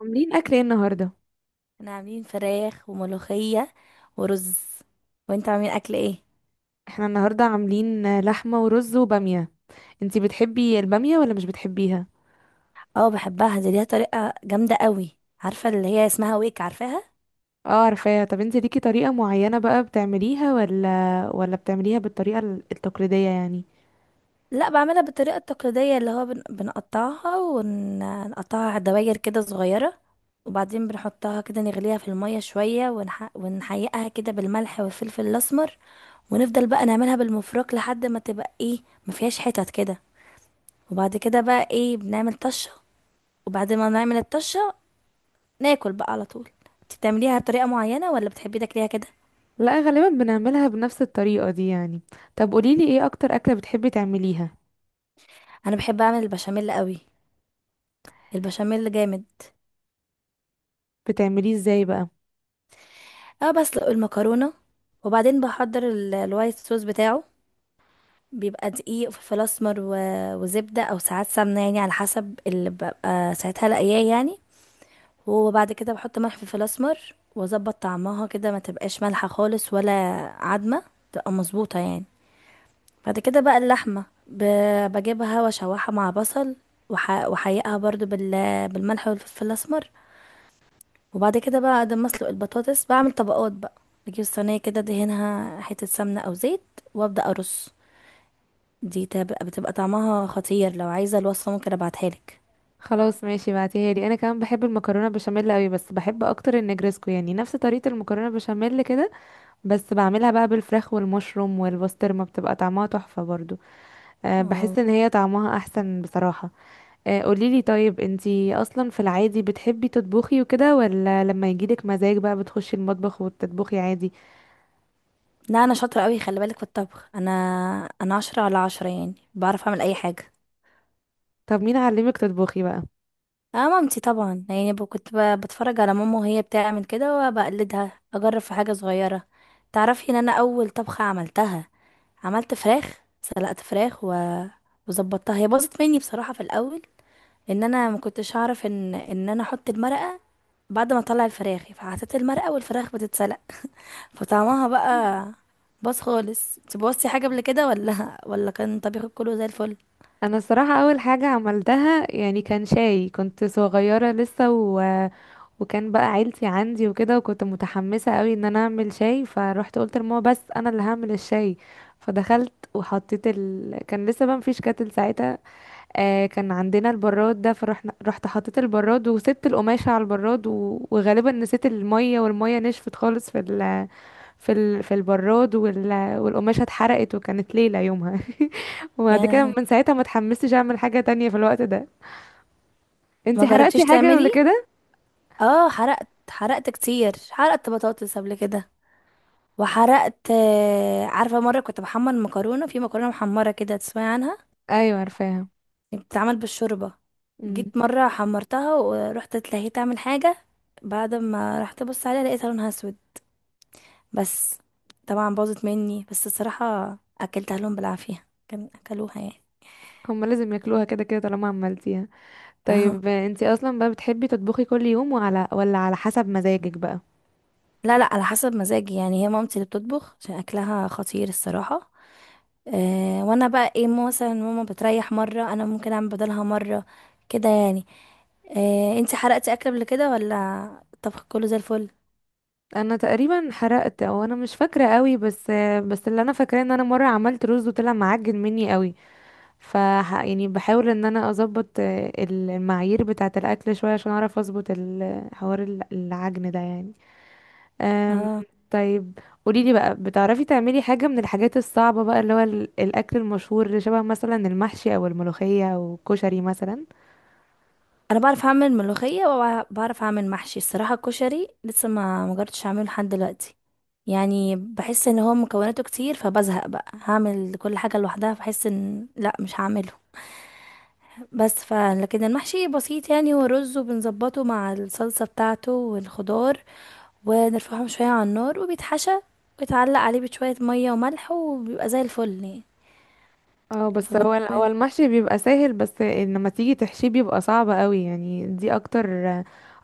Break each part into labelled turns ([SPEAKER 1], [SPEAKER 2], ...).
[SPEAKER 1] عاملين اكل ايه النهارده؟
[SPEAKER 2] احنا عاملين فراخ وملوخية ورز. وانت عاملين اكل ايه؟
[SPEAKER 1] احنا النهارده عاملين لحمه ورز وباميه. انتي بتحبي الباميه ولا مش بتحبيها؟
[SPEAKER 2] اه بحبها، دي ليها طريقة جامدة قوي، عارفة اللي هي اسمها ويك، عارفاها؟
[SPEAKER 1] اه عارفاها. طب انتي ليكي طريقه معينه بقى بتعمليها ولا التقليديه يعني؟
[SPEAKER 2] لا، بعملها بالطريقة التقليدية، اللي هو بنقطعها ونقطعها دواير كده صغيرة، وبعدين بنحطها كده، نغليها في المية شوية ونحيقها كده بالملح والفلفل الأسمر، ونفضل بقى نعملها بالمفرك لحد ما تبقى ايه، ما فيهاش حتت كده. وبعد كده بقى ايه، بنعمل طشة، وبعد ما نعمل الطشة ناكل بقى على طول. انت بتعمليها بطريقه معينه ولا بتحبي تاكليها كده؟
[SPEAKER 1] لا غالبا بنعملها بنفس الطريقه دي يعني. طب قوليلي ايه اكتر اكله بتحبي تعمليها؟
[SPEAKER 2] انا بحب اعمل البشاميل قوي، البشاميل جامد.
[SPEAKER 1] بتعمليه ازاي بقى؟
[SPEAKER 2] اه، بسلق المكرونه، وبعدين بحضر الوايت صوص بتاعه، بيبقى دقيق وفلفل اسمر وزبده او ساعات سمنه، يعني على حسب اللي ببقى ساعتها لاقياه يعني. وبعد كده بحط ملح وفلفل اسمر واظبط طعمها كده، ما تبقاش مالحه خالص ولا عدمه، تبقى مظبوطه يعني. بعد كده بقى اللحمة بجيبها واشوحها مع بصل، وحيقها برضو بالملح والفلفل الأسمر. وبعد كده بقى، بعد ما أسلق البطاطس، بعمل طبقات بقى. بجيب صينية كده، دهنها حتة سمنة أو زيت، وأبدأ أرص. دي بتبقى طعمها خطير، لو عايزة الوصفة ممكن أبعتها لك.
[SPEAKER 1] خلاص ماشي، بعتيها لي. انا كمان بحب المكرونه بشاميل قوي، بس بحب اكتر النجرسكو، يعني نفس طريقه المكرونه بشاميل كده، بس بعملها بقى بالفراخ والمشروم والبسطرمة، بتبقى طعمها تحفة برضو. أه
[SPEAKER 2] آه.
[SPEAKER 1] بحس ان هي طعمها احسن بصراحة. أه قوليلي، طيب انتي اصلا في العادي بتحبي تطبخي وكده ولا لما يجيلك مزاج بقى بتخشي المطبخ وتطبخي عادي؟
[SPEAKER 2] لا، أنا شاطرة أوي، خلي بالك، في الطبخ أنا، أنا عشرة على عشرة، يعني بعرف أعمل أي حاجة.
[SPEAKER 1] طب مين علمك تطبخي بقى؟
[SPEAKER 2] اه، مامتي طبعا، يعني كنت بتفرج على ماما وهي بتعمل كده وبقلدها، اجرب في حاجه صغيره. تعرفي ان انا اول طبخه عملتها، عملت فراخ، سلقت فراخ وظبطتها، هي باظت مني بصراحه في الاول، ان انا ما كنتش اعرف ان انا احط المرقه بعد ما اطلع الفراخ، فحطيت المرقه والفراخ بتتسلق، فطعمها بقى باظ خالص. انت بوظتي حاجه قبل كده ولا كان طبيخك كله زي الفل
[SPEAKER 1] انا الصراحة اول حاجة عملتها يعني كان شاي، كنت صغيرة لسه، وكان بقى عيلتي عندي وكده، وكنت متحمسة قوي ان انا اعمل شاي، فروحت قلت لماما بس انا اللي هعمل الشاي. فدخلت وحطيت كان لسه بقى مفيش كاتل ساعتها. آه كان عندنا البراد ده، فرحنا رحت حطيت البراد وسبت القماشة على البراد وغالبا نسيت المية، والمية نشفت خالص في في البراد والقماشة اتحرقت، وكانت ليلة يومها. وبعد كده
[SPEAKER 2] يعني؟
[SPEAKER 1] من ساعتها ما اتحمستش اعمل حاجة تانية في الوقت ده.
[SPEAKER 2] ما
[SPEAKER 1] انتي حرقتي
[SPEAKER 2] جربتيش
[SPEAKER 1] حاجة ولا
[SPEAKER 2] تعملي؟
[SPEAKER 1] كده؟
[SPEAKER 2] اه، حرقت، حرقت كتير، حرقت بطاطس قبل كده، وحرقت عارفة مرة كنت بحمر مكرونة، في مكرونة محمرة كده، تسمعي عنها؟
[SPEAKER 1] ايوه عارفاها.
[SPEAKER 2] بتتعمل بالشوربة.
[SPEAKER 1] إمم.
[SPEAKER 2] جيت مرة حمرتها ورحت اتلهيت اعمل حاجة، بعد ما رحت ابص عليها لقيتها لونها اسود، بس. طبعا باظت مني، بس الصراحة اكلتها لهم بالعافية، كان اكلوها يعني.
[SPEAKER 1] هما لازم ياكلوها كده كده طالما عملتيها.
[SPEAKER 2] اه.
[SPEAKER 1] طيب انتي اصلا بقى بتحبي تطبخي كل يوم ولا على حسب مزاجك بقى؟
[SPEAKER 2] لا لا، على حسب مزاجي، يعني هي مامتي اللي بتطبخ عشان اكلها خطير الصراحة. أه، وانا بقى ايه، ماما مثلا، ماما بتريح مرة، انا ممكن اعمل بدلها مرة، كده يعني. أه، انتي حرقتي اكل قبل كده ولا الطبخ كله زي الفل؟
[SPEAKER 1] انا تقريبا حرقت، او انا مش فاكره قوي، بس اللي انا فاكراه ان انا مره عملت رز وطلع معجن مني قوي. ف، يعني بحاول ان انا اظبط المعايير بتاعه الاكل شويه عشان اعرف اظبط حوار العجن ده يعني. أم،
[SPEAKER 2] اه،
[SPEAKER 1] طيب قوليلي بقى، بتعرفي تعملي حاجة من الحاجات الصعبة بقى اللي هو الأكل المشهور اللي شبه مثلا المحشي أو الملوخية أو الكشري مثلا؟
[SPEAKER 2] انا بعرف اعمل ملوخية وبعرف اعمل محشي، الصراحة الكشري لسه ما مجربتش اعمله لحد دلوقتي، يعني بحس ان هو مكوناته كتير فبزهق بقى هعمل كل حاجة لوحدها، فبحس ان لا، مش هعمله. بس ف لكن المحشي بسيط، يعني ورز، وبنظبطه مع الصلصة بتاعته والخضار، ونرفعهم شوية على النار، وبيتحشى ويتعلق عليه بشوية مية وملح، وبيبقى زي الفل يعني.
[SPEAKER 1] اه بس
[SPEAKER 2] فبن-
[SPEAKER 1] هو المحشي بيبقى سهل، بس لما تيجي تحشيه بيبقى صعب قوي يعني. دي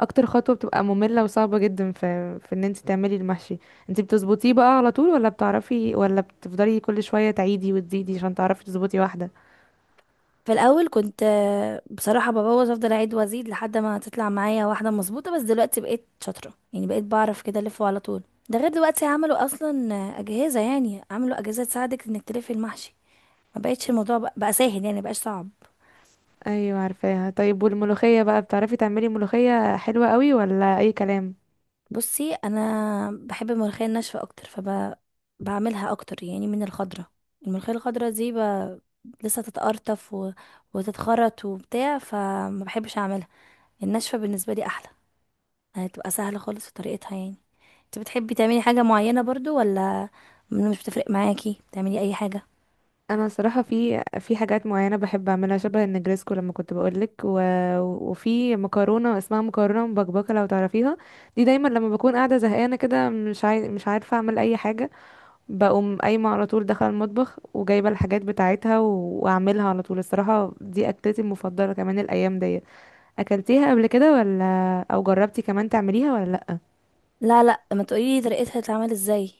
[SPEAKER 1] أكتر خطوة بتبقى مملة وصعبة جدا في إن انت تعملي المحشي. انت بتظبطيه بقى على طول ولا بتعرفي، ولا بتفضلي كل شوية تعيدي وتزيدي عشان تعرفي تظبطي واحدة؟
[SPEAKER 2] في الأول كنت بصراحة ببوظ، أفضل أعيد وأزيد لحد ما تطلع معايا واحدة مظبوطة، بس دلوقتي بقيت شاطرة، يعني بقيت بعرف كده ألفه على طول. ده غير دلوقتي عملوا أصلا أجهزة، يعني عملوا أجهزة تساعدك إنك تلفي المحشي، ما بقتش الموضوع بقى، بقى سهل يعني، مبقاش صعب.
[SPEAKER 1] ايوه عارفاها. طيب والملوخية بقى، بتعرفي تعملي ملوخية حلوة قوي ولا اي كلام؟
[SPEAKER 2] بصي انا بحب الملوخيه الناشفه اكتر، فبعملها اكتر يعني من الخضره. الملوخيه الخضره دي لسه تتقرطف وتتخرط وبتاع، فما بحبش اعملها. الناشفه بالنسبه لي احلى، هتبقى سهله خالص في طريقتها يعني. انت بتحبي تعملي حاجه معينه برضو ولا مش بتفرق معاكي تعملي اي حاجه؟
[SPEAKER 1] انا صراحه في حاجات معينه بحب اعملها شبه النجريسكو لما كنت بقولك، وفي مكرونه اسمها مكرونه مبكبكه لو تعرفيها. دي دايما لما بكون قاعده زهقانه كده، مش عارفه اعمل اي حاجه، بقوم قايمه على طول داخله المطبخ وجايبه الحاجات بتاعتها واعملها على طول. الصراحه دي اكلتي المفضله كمان الايام دي. اكلتيها قبل كده ولا؟ او جربتي كمان تعمليها ولا لأ؟
[SPEAKER 2] لا لا، ما تقولي لي طريقتها تتعمل ازاي.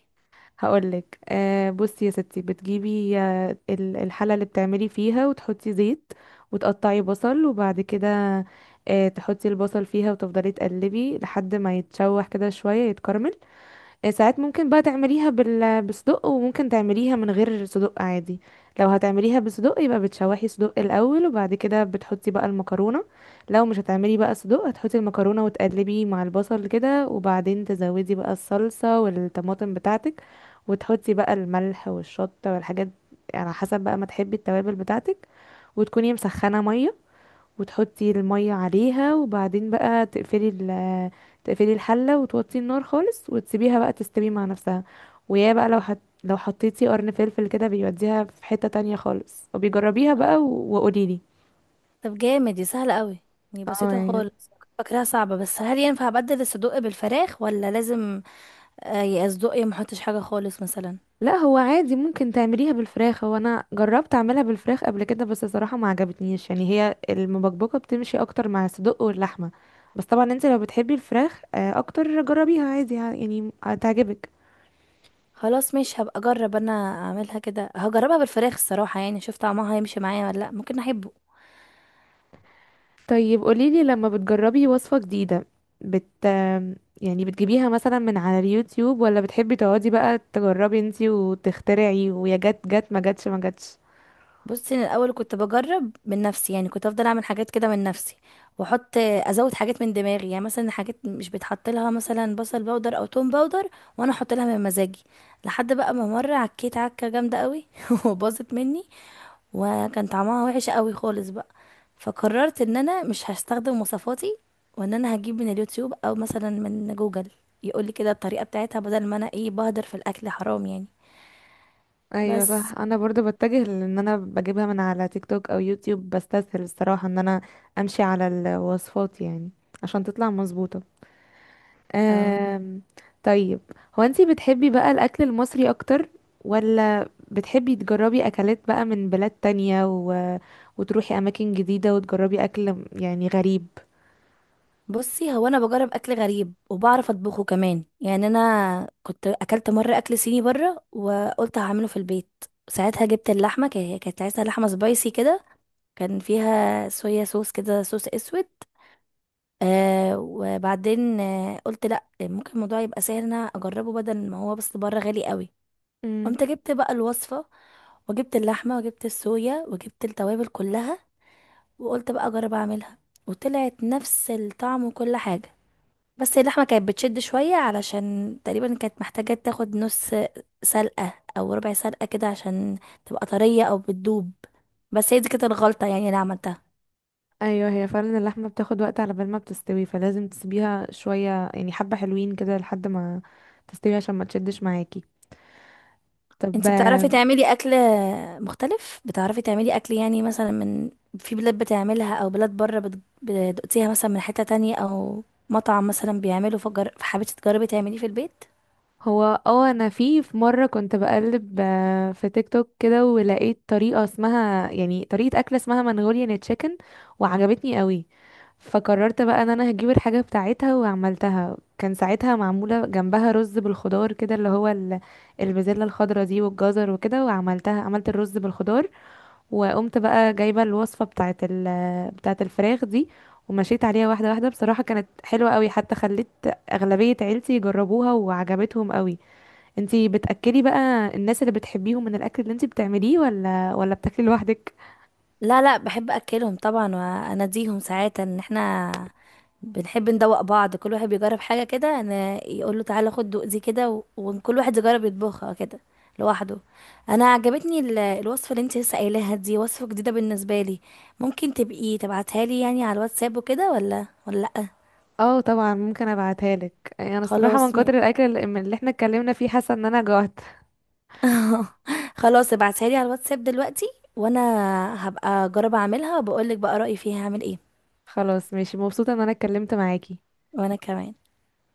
[SPEAKER 1] هقولك، آه بصي يا ستي، بتجيبي الحلة اللي بتعملي فيها وتحطي زيت، وتقطعي بصل، وبعد كده تحطي البصل فيها وتفضلي تقلبي لحد ما يتشوح كده شوية يتكرمل. ساعات ممكن بقى تعمليها بالصدق، وممكن تعمليها من غير صدق عادي. لو هتعمليها بالصدق يبقى بتشوحي صدق الاول وبعد كده بتحطي بقى المكرونه. لو مش هتعملي بقى صدق، هتحطي المكرونه وتقلبي مع البصل كده، وبعدين تزودي بقى الصلصه والطماطم بتاعتك، وتحطي بقى الملح والشطه والحاجات على حسب بقى ما تحبي التوابل بتاعتك. وتكوني مسخنه ميه وتحطي المية عليها، وبعدين بقى تقفلي الحلة وتوطي النار خالص وتسيبيها بقى تستوي مع نفسها. ويا بقى لو لو حطيتي قرن فلفل كده بيوديها في حتة تانية خالص، وبيجربيها بقى وقوليلي.
[SPEAKER 2] طب جامد، دي سهله قوي، دي
[SPEAKER 1] اه
[SPEAKER 2] بسيطه
[SPEAKER 1] يعني،
[SPEAKER 2] خالص، كنت فاكراها صعبه. بس هل ينفع ابدل الصدق بالفراخ ولا لازم يا اصدقائي ما احطش حاجه خالص مثلا؟
[SPEAKER 1] لا هو عادي ممكن تعمليها بالفراخ. هو انا جربت اعملها بالفراخ قبل كده بس صراحة ما عجبتنيش، يعني هي المبكبكة بتمشي اكتر مع الصدق واللحمة. بس طبعا انت لو بتحبي الفراخ اكتر، جربيها عادي يعني هتعجبك.
[SPEAKER 2] خلاص مش هبقى اجرب، انا اعملها كده، هجربها بالفراخ الصراحه، يعني اشوف طعمها هيمشي معايا ولا لا، ممكن احبه.
[SPEAKER 1] طيب قوليلي لما بتجربي وصفة جديدة، بت يعني بتجيبيها مثلا من على اليوتيوب، ولا بتحبي تقعدي بقى تجربي انتي وتخترعي ويا جت جت ما جتش ما جتش؟
[SPEAKER 2] بصي انا الاول كنت بجرب من نفسي، يعني كنت افضل اعمل حاجات كده من نفسي، واحط ازود حاجات من دماغي، يعني مثلا حاجات مش بيتحط لها مثلا بصل باودر او توم باودر، وانا احط لها من مزاجي. لحد بقى ما مره عكيت عكه جامده قوي وباظت مني، وكان طعمها وحش قوي خالص بقى. فقررت ان انا مش هستخدم وصفاتي، وان انا هجيب من اليوتيوب او مثلا من جوجل، يقولي كده الطريقه بتاعتها، بدل ما انا ايه بهدر في الاكل حرام يعني.
[SPEAKER 1] ايوه
[SPEAKER 2] بس
[SPEAKER 1] صح. انا برضو بتجه، لان انا بجيبها من على تيك توك او يوتيوب، بستسهل الصراحة ان انا امشي على الوصفات يعني عشان تطلع مظبوطة.
[SPEAKER 2] اه،
[SPEAKER 1] أم... طيب، هو انتي بتحبي بقى الاكل المصري اكتر، ولا بتحبي تجربي اكلات بقى من بلاد تانية وتروحي اماكن جديده وتجربي اكل يعني غريب؟
[SPEAKER 2] بصي هو انا بجرب اكل غريب وبعرف اطبخه كمان، يعني انا كنت اكلت مره اكل صيني بره وقلت هعمله في البيت. ساعتها جبت اللحمه، كانت عايزه لحمه سبايسي كده، كان فيها صويا صوص كده، صوص اسود. آه، وبعدين آه قلت لا، ممكن الموضوع يبقى سهل إن انا اجربه، بدل ما هو بس بره غالي قوي.
[SPEAKER 1] امم.
[SPEAKER 2] قمت جبت بقى الوصفة، وجبت اللحمة وجبت الصويا وجبت التوابل كلها، وقلت بقى اجرب اعملها، وطلعت نفس الطعم وكل حاجة. بس اللحمة كانت بتشد شوية، علشان تقريبا كانت محتاجة تاخد نص سلقة او ربع سلقة كده، عشان تبقى طرية او بتدوب. بس هي دي كانت الغلطة يعني اللي عملتها.
[SPEAKER 1] ايوه هي فعلا اللحمه بتاخد وقت على بال ما بتستوي، فلازم تسيبيها شويه يعني حبه حلوين كده لحد ما تستوي عشان ما تشدش معاكي.
[SPEAKER 2] انت بتعرفي
[SPEAKER 1] طب
[SPEAKER 2] تعملي اكل مختلف، بتعرفي تعملي اكل يعني مثلا من، في بلاد بتعملها او بلاد بره بتدوقتيها مثلا من حتة تانية، او مطعم مثلا بيعمله فجر، فحبيتي تجربي تعمليه في البيت؟
[SPEAKER 1] هو، اه انا في مره كنت بقلب في تيك توك كده ولقيت طريقه اسمها يعني طريقه اكله اسمها منغوليان تشيكن، وعجبتني قوي. فقررت بقى ان انا هجيب الحاجه بتاعتها وعملتها. كان ساعتها معموله جنبها رز بالخضار كده اللي هو البازلاء الخضراء دي والجزر وكده، وعملتها، عملت الرز بالخضار. وقمت بقى جايبه الوصفه بتاعه الفراخ دي ومشيت عليها واحده واحده. بصراحه كانت حلوه قوي، حتى خليت اغلبيه عيلتي يجربوها وعجبتهم قوي. انتي بتأكلي بقى الناس اللي بتحبيهم من الاكل اللي انتي بتعمليه ولا بتاكلي لوحدك؟
[SPEAKER 2] لا لا، بحب اكلهم طبعا، واناديهم ساعات ان احنا بنحب ندوق بعض، كل واحد بيجرب حاجه كده انا، يقول له تعالى خد دوق دي كده وكل واحد يجرب يطبخها كده لوحده. انا عجبتني الوصفه اللي انت لسه قايلاها، دي وصفه جديده بالنسبه لي، ممكن تبقي تبعتها لي يعني على الواتساب وكده ولا لا؟
[SPEAKER 1] اه طبعا ممكن ابعتها لك. يعني انا الصراحه من
[SPEAKER 2] خلاص
[SPEAKER 1] كتر
[SPEAKER 2] ماشي.
[SPEAKER 1] الاكل اللي احنا اتكلمنا فيه، حاسه ان انا جوعت.
[SPEAKER 2] خلاص ابعتها لي على الواتساب دلوقتي، وانا هبقى اجرب اعملها وبقول لك بقى رايي فيها، هعمل ايه.
[SPEAKER 1] خلاص ماشي، مبسوطه ان انا اتكلمت معاكي.
[SPEAKER 2] وانا كمان.